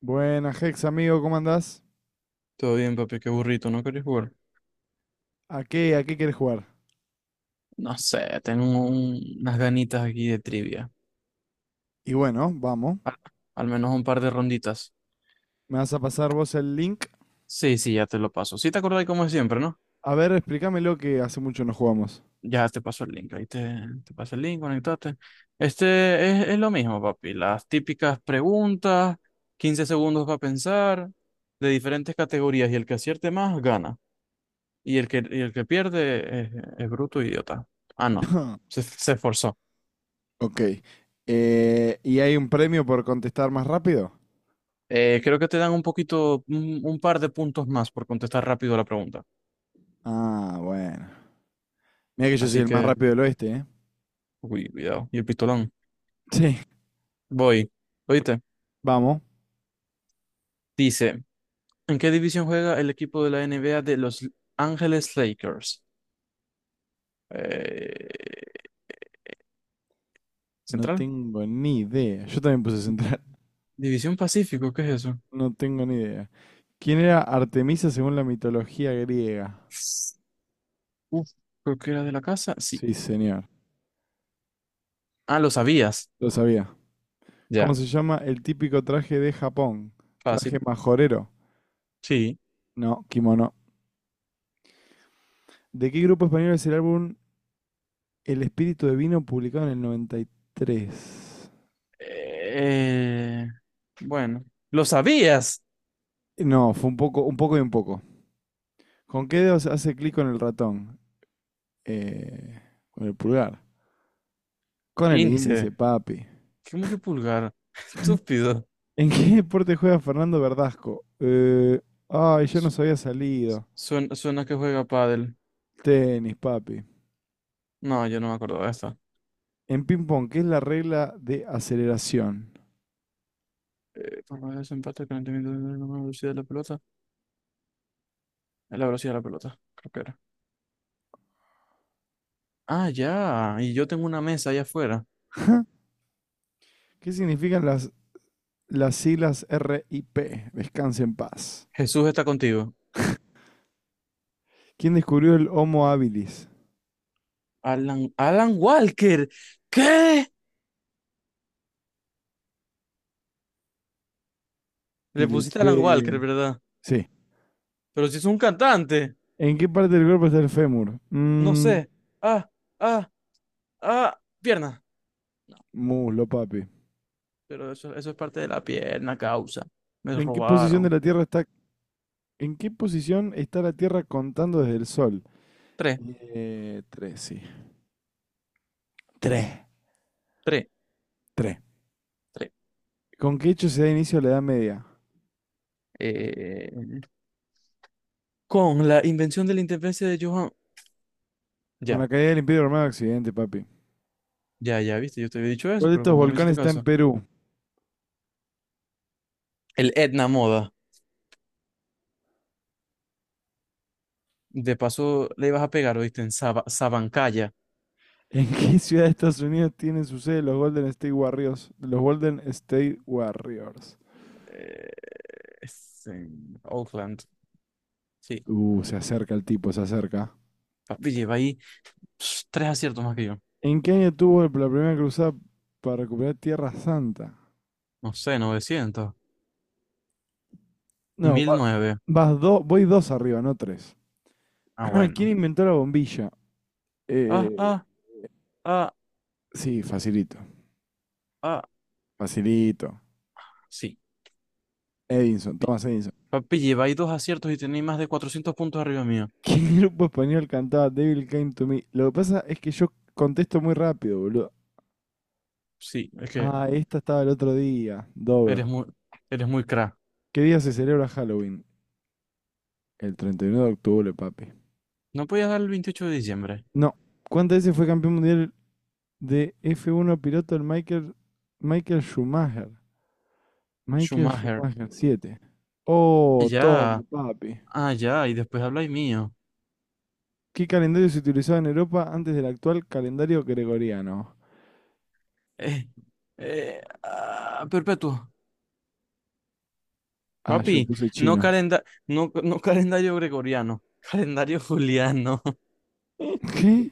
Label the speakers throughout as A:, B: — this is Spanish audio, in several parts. A: Buenas, Hex, amigo, ¿cómo andás?
B: Todo bien, papi, qué burrito, ¿no querés jugar?
A: ¿A qué quieres jugar?
B: No sé, tengo unas ganitas aquí de trivia.
A: Y bueno, vamos.
B: Al, al menos un par de ronditas.
A: Me vas a pasar vos el link.
B: Sí, sí, ya te lo paso. Sí, te acordás como siempre, ¿no?
A: A ver, explícamelo que hace mucho no jugamos.
B: Ya te paso el link. Te paso el link, conectate. Es lo mismo, papi. Las típicas preguntas, 15 segundos para pensar, de diferentes categorías. Y el que acierte más, gana. Y el que pierde es bruto e idiota. Ah, no. Se esforzó.
A: Ok. ¿Y hay un premio por contestar más rápido?
B: Creo que te dan un poquito, un par de puntos más por contestar rápido la pregunta.
A: Ah, bueno. Mira que yo soy
B: Así
A: el más
B: que,
A: rápido del oeste, ¿eh?
B: uy, cuidado. Y el pistolón.
A: Sí.
B: Voy. Oíste.
A: Vamos.
B: Dice, ¿en qué división juega el equipo de la NBA de Los Ángeles Lakers? Eh,
A: No
B: ¿Central?
A: tengo ni idea. Yo también puse central.
B: ¿División Pacífico? ¿Qué es eso?
A: No tengo ni idea. ¿Quién era Artemisa según la mitología griega?
B: Uf, creo que era de la casa. Sí.
A: Sí, señor.
B: Ah, lo sabías.
A: Lo sabía. ¿Cómo
B: Ya,
A: se llama el típico traje de Japón? Traje
B: fácil.
A: majorero.
B: Sí.
A: No, kimono. ¿De qué grupo español es el álbum El espíritu de vino publicado en el 93?
B: Eh, bueno, lo sabías.
A: No, fue un poco y un poco. ¿Con qué dedos hace clic con el ratón? Eh, con el pulgar. Con el índice,
B: Índice.
A: papi.
B: ¿Cómo que pulgar? Estúpido.
A: ¿En qué deporte juega Fernando Verdasco? Ay, yo no
B: Su-
A: sabía salido.
B: Suena, suena que juega pádel.
A: Tenis, papi.
B: No, yo no me acuerdo de esta.
A: En ping-pong, ¿qué es la regla de aceleración?
B: Por medio de ese empate, el calentamiento de la velocidad de la pelota. Es la velocidad de la pelota, creo que era. Ah, ya. Y yo tengo una mesa allá afuera.
A: ¿Qué significan las siglas R I P? Descanse en paz.
B: Jesús está contigo.
A: ¿Quién descubrió el Homo habilis?
B: Alan, Alan Walker. ¿Qué? Le
A: Y le
B: pusiste Alan
A: pe...
B: Walker, ¿verdad?
A: Sí.
B: Pero si es un cantante.
A: ¿En qué parte del cuerpo está el fémur?
B: No sé. Ah, ah, ah. Pierna.
A: Muslo, papi.
B: Pero eso es parte de la pierna, causa. Me
A: ¿En qué posición de
B: robaron.
A: la Tierra está... ¿En qué posición está la Tierra contando desde el Sol?
B: Tres,
A: Tres, sí. Tres.
B: tres,
A: Tres.
B: tres.
A: ¿Con qué hecho se da inicio a la Edad Media?
B: Eh... Con la invención de la interferencia de Johann.
A: Con la
B: Ya,
A: caída del Imperio Romano Occidente, papi.
B: ya, viste, yo te había dicho eso,
A: ¿Cuál de
B: pero
A: estos
B: como no me
A: volcanes
B: hiciste
A: está en
B: caso.
A: Perú?
B: El Etna Moda. De paso le ibas a pegar, oíste, en Sabancaya.
A: ¿En qué ciudad de Estados Unidos tienen su sede los Golden State Warriors? Los Golden State Warriors.
B: Eh, es en Oakland. Sí.
A: Se acerca el tipo, se acerca.
B: Papi, lleva ahí pss, tres aciertos más que yo.
A: ¿En qué año tuvo la primera cruzada para recuperar Tierra Santa?
B: No sé, 900
A: No,
B: mil nueve
A: vas dos, voy dos arriba, no tres.
B: Ah,
A: ¿Quién
B: bueno.
A: inventó la bombilla?
B: Ah,
A: Eh,
B: ah, ah,
A: sí, facilito.
B: ah.
A: Facilito.
B: Sí.
A: Edison,
B: Pi-
A: Thomas Edison.
B: Papi, lleva ahí dos aciertos y tenéis más de 400 puntos arriba mío.
A: ¿Qué grupo español cantaba Devil Came to Me? Lo que pasa es que yo contesto muy rápido, boludo.
B: Sí, es que
A: Ah, esta estaba el otro día. Dover.
B: eres muy, eres muy crack.
A: ¿Qué día se celebra Halloween? El 31 de octubre, papi.
B: No podías dar el 28 de diciembre.
A: No. ¿Cuántas veces fue campeón mundial de F1 piloto el Michael Schumacher? Michael
B: Schumacher.
A: Schumacher, 7.
B: Ah,
A: Oh, toma,
B: Ya,
A: papi.
B: ya, y después habláis mío.
A: ¿Qué calendario se utilizaba en Europa antes del actual calendario gregoriano?
B: Eh, perpetuo.
A: Ah, yo
B: Papi,
A: puse
B: no,
A: chino.
B: calenda no, no calendario gregoriano, calendario juliano.
A: ¿Qué?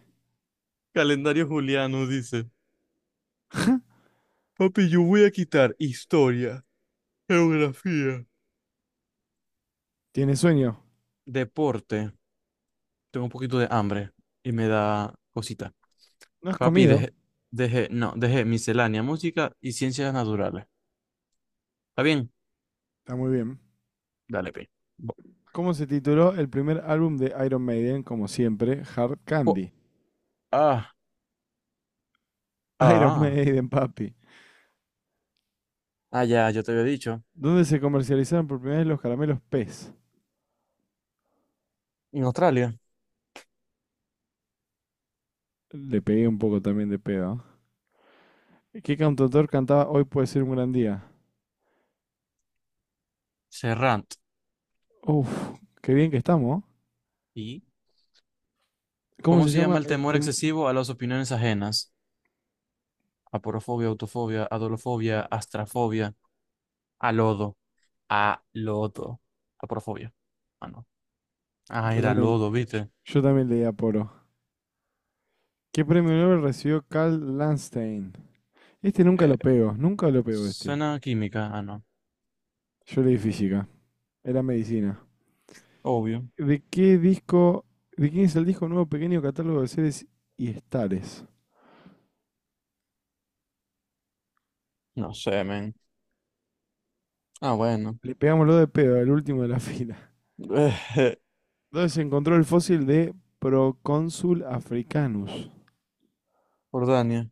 B: Calendario juliano dice. Papi, yo voy a quitar historia, geografía,
A: ¿Tienes sueño?
B: deporte. Tengo un poquito de hambre y me da cosita.
A: ¿No has
B: Papi,
A: comido?
B: no, dejé miscelánea, música y ciencias naturales. ¿Está bien?
A: Está muy bien.
B: Dale, pi. Bo-
A: ¿Cómo se tituló el primer álbum de Iron Maiden? Como siempre, Hard
B: co-
A: Candy.
B: Ah,
A: Iron
B: ah,
A: Maiden, papi.
B: Ah, ya, yo te había dicho.
A: ¿Dónde se comercializaron por primera vez los caramelos Pez?
B: En Australia,
A: Le pegué un poco también de pedo. ¿Qué cantautor cantaba Hoy puede ser un gran día?
B: Serrant.
A: Uf, qué bien que estamos, ¿no?
B: ¿Y
A: ¿Cómo
B: cómo
A: se
B: se llama
A: llama
B: el
A: el
B: temor
A: tema?
B: excesivo a las opiniones ajenas? Aporofobia, autofobia, adolofobia, astrafobia, a lodo, a lodo, aporofobia. Ah, no. Ah,
A: Yo
B: era
A: también,
B: lodo, ¿viste?
A: yo también leí a Poro. ¿Qué premio Nobel recibió Carl Landstein? Este nunca
B: Eh,
A: lo pego, nunca lo pego este.
B: suena química, ah, no.
A: Yo leí física, era medicina.
B: Obvio.
A: ¿De qué disco, de quién es el disco nuevo pequeño catálogo de seres y estares?
B: No sé, men. Ah, bueno.
A: Le pegamos lo de pedo, el último de la fila. Entonces se encontró el fósil de Procónsul africanus.
B: Jordania.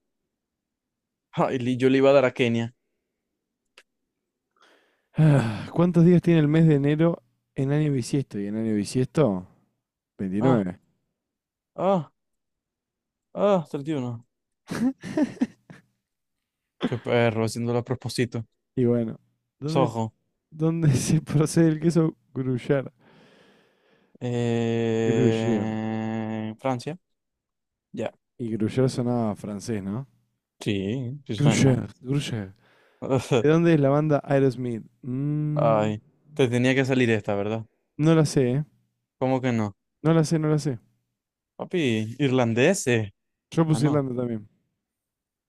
B: Ay, yo le iba a dar a Kenia.
A: Ah, ¿cuántos días tiene el mes de enero en año bisiesto? Y en año bisiesto,
B: Ah,
A: 29.
B: ah, 31. Qué perro, haciéndolo a propósito.
A: Y bueno, ¿dónde,
B: Soho.
A: dónde se procede el queso Gruyère? Gruyère.
B: Francia. Ya.
A: Y Gruyère sonaba francés, ¿no?
B: Sí, sí suena.
A: Gruyère, Gruyère. ¿De dónde es la banda Aerosmith?
B: Ay, te tenía que salir esta, ¿verdad?
A: No la sé, ¿eh?
B: ¿Cómo que no?
A: No la sé, no la sé.
B: Papi, irlandeses.
A: Yo
B: Ah,
A: puse
B: no,
A: Irlanda también.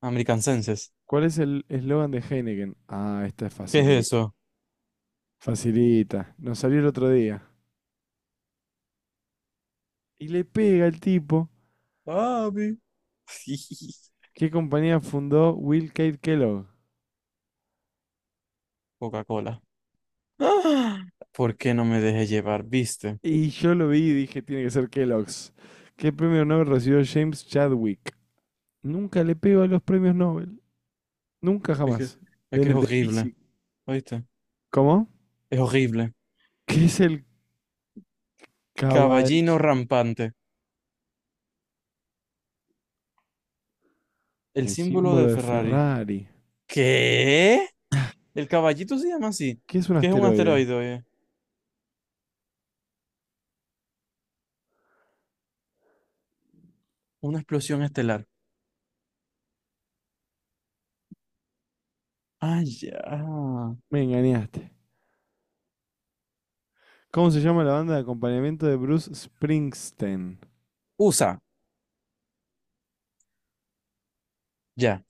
B: americanenses.
A: ¿Cuál es el eslogan de Heineken? Ah, esta es
B: ¿Qué es
A: facilita.
B: eso?
A: Facilita. Nos salió el otro día. Y le pega el tipo.
B: Papi.
A: ¿Qué compañía fundó Will Kate Kellogg?
B: Coca-Cola. Ah, ¿por qué no me dejé llevar? ¿Viste?
A: Y yo lo vi y dije, tiene que ser Kellogg's. ¿Qué premio Nobel recibió James Chadwick? Nunca le pego a los premios Nobel. Nunca
B: Es que,
A: jamás.
B: es
A: De,
B: que es
A: de
B: horrible,
A: física.
B: ¿oíste?
A: ¿Cómo?
B: Es horrible.
A: ¿Qué es el caballo?
B: Caballino rampante. El
A: El
B: símbolo
A: símbolo
B: de
A: de
B: Ferrari.
A: Ferrari.
B: ¿Qué? El caballito se llama así.
A: ¿Qué es un
B: ¿Qué es un
A: asteroide?
B: asteroide, oye? Una explosión estelar. Ah, ya.
A: Me engañaste. ¿Cómo se llama la banda de acompañamiento de Bruce Springsteen?
B: USA. Ya,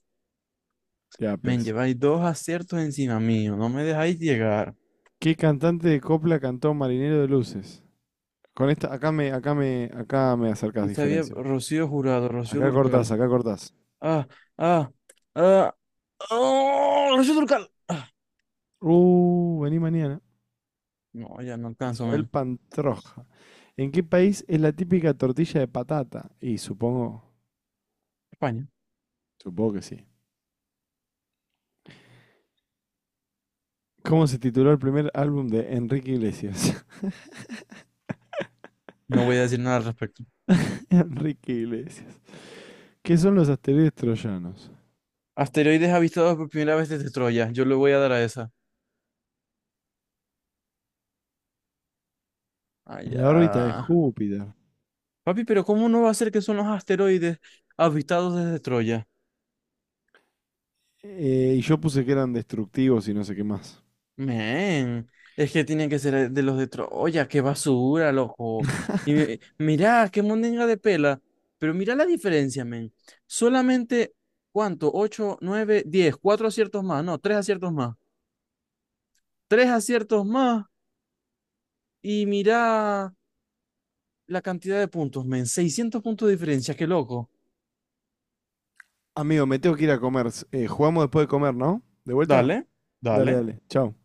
A: Ya,
B: men,
A: pues.
B: lleváis dos aciertos encima mío, no me dejáis llegar.
A: ¿Qué cantante de copla cantó Marinero de Luces? Con esta, acá me acercas
B: Y sabía
A: diferencia.
B: Rocío Jurado, Rocío
A: Acá cortás,
B: Durcal.
A: acá cortás.
B: Ah, ah, ah, oh, Rocío Durcal. Ah,
A: Vení mañana.
B: no, ya no alcanzo,
A: Isabel
B: men.
A: Pantroj. ¿En qué país es la típica tortilla de patata? Y supongo,
B: España.
A: supongo que sí. ¿Cómo se tituló el primer álbum de Enrique Iglesias?
B: No voy a decir nada al respecto.
A: Enrique Iglesias. ¿Qué son los asteroides troyanos?
B: Asteroides avistados por primera vez desde Troya. Yo le voy a dar a esa. Ah,
A: En
B: ya.
A: la órbita de Júpiter.
B: Papi, pero ¿cómo no va a ser que son los asteroides avistados desde Troya?
A: Y yo puse que eran destructivos y no sé qué más.
B: Men, es que tienen que ser de los de Troya, qué basura, loco. Y mirá, qué mondenga de pela. Pero mirá la diferencia, men. Solamente, ¿cuánto? 8, 9, 10 4 aciertos más, no, 3 aciertos más. Tres aciertos más y mirá la cantidad de puntos, men. 600 puntos de diferencia, qué loco.
A: Amigo, me tengo que ir a comer. Jugamos después de comer, ¿no? ¿De vuelta?
B: Dale,
A: Dale,
B: dale.
A: dale. Chao.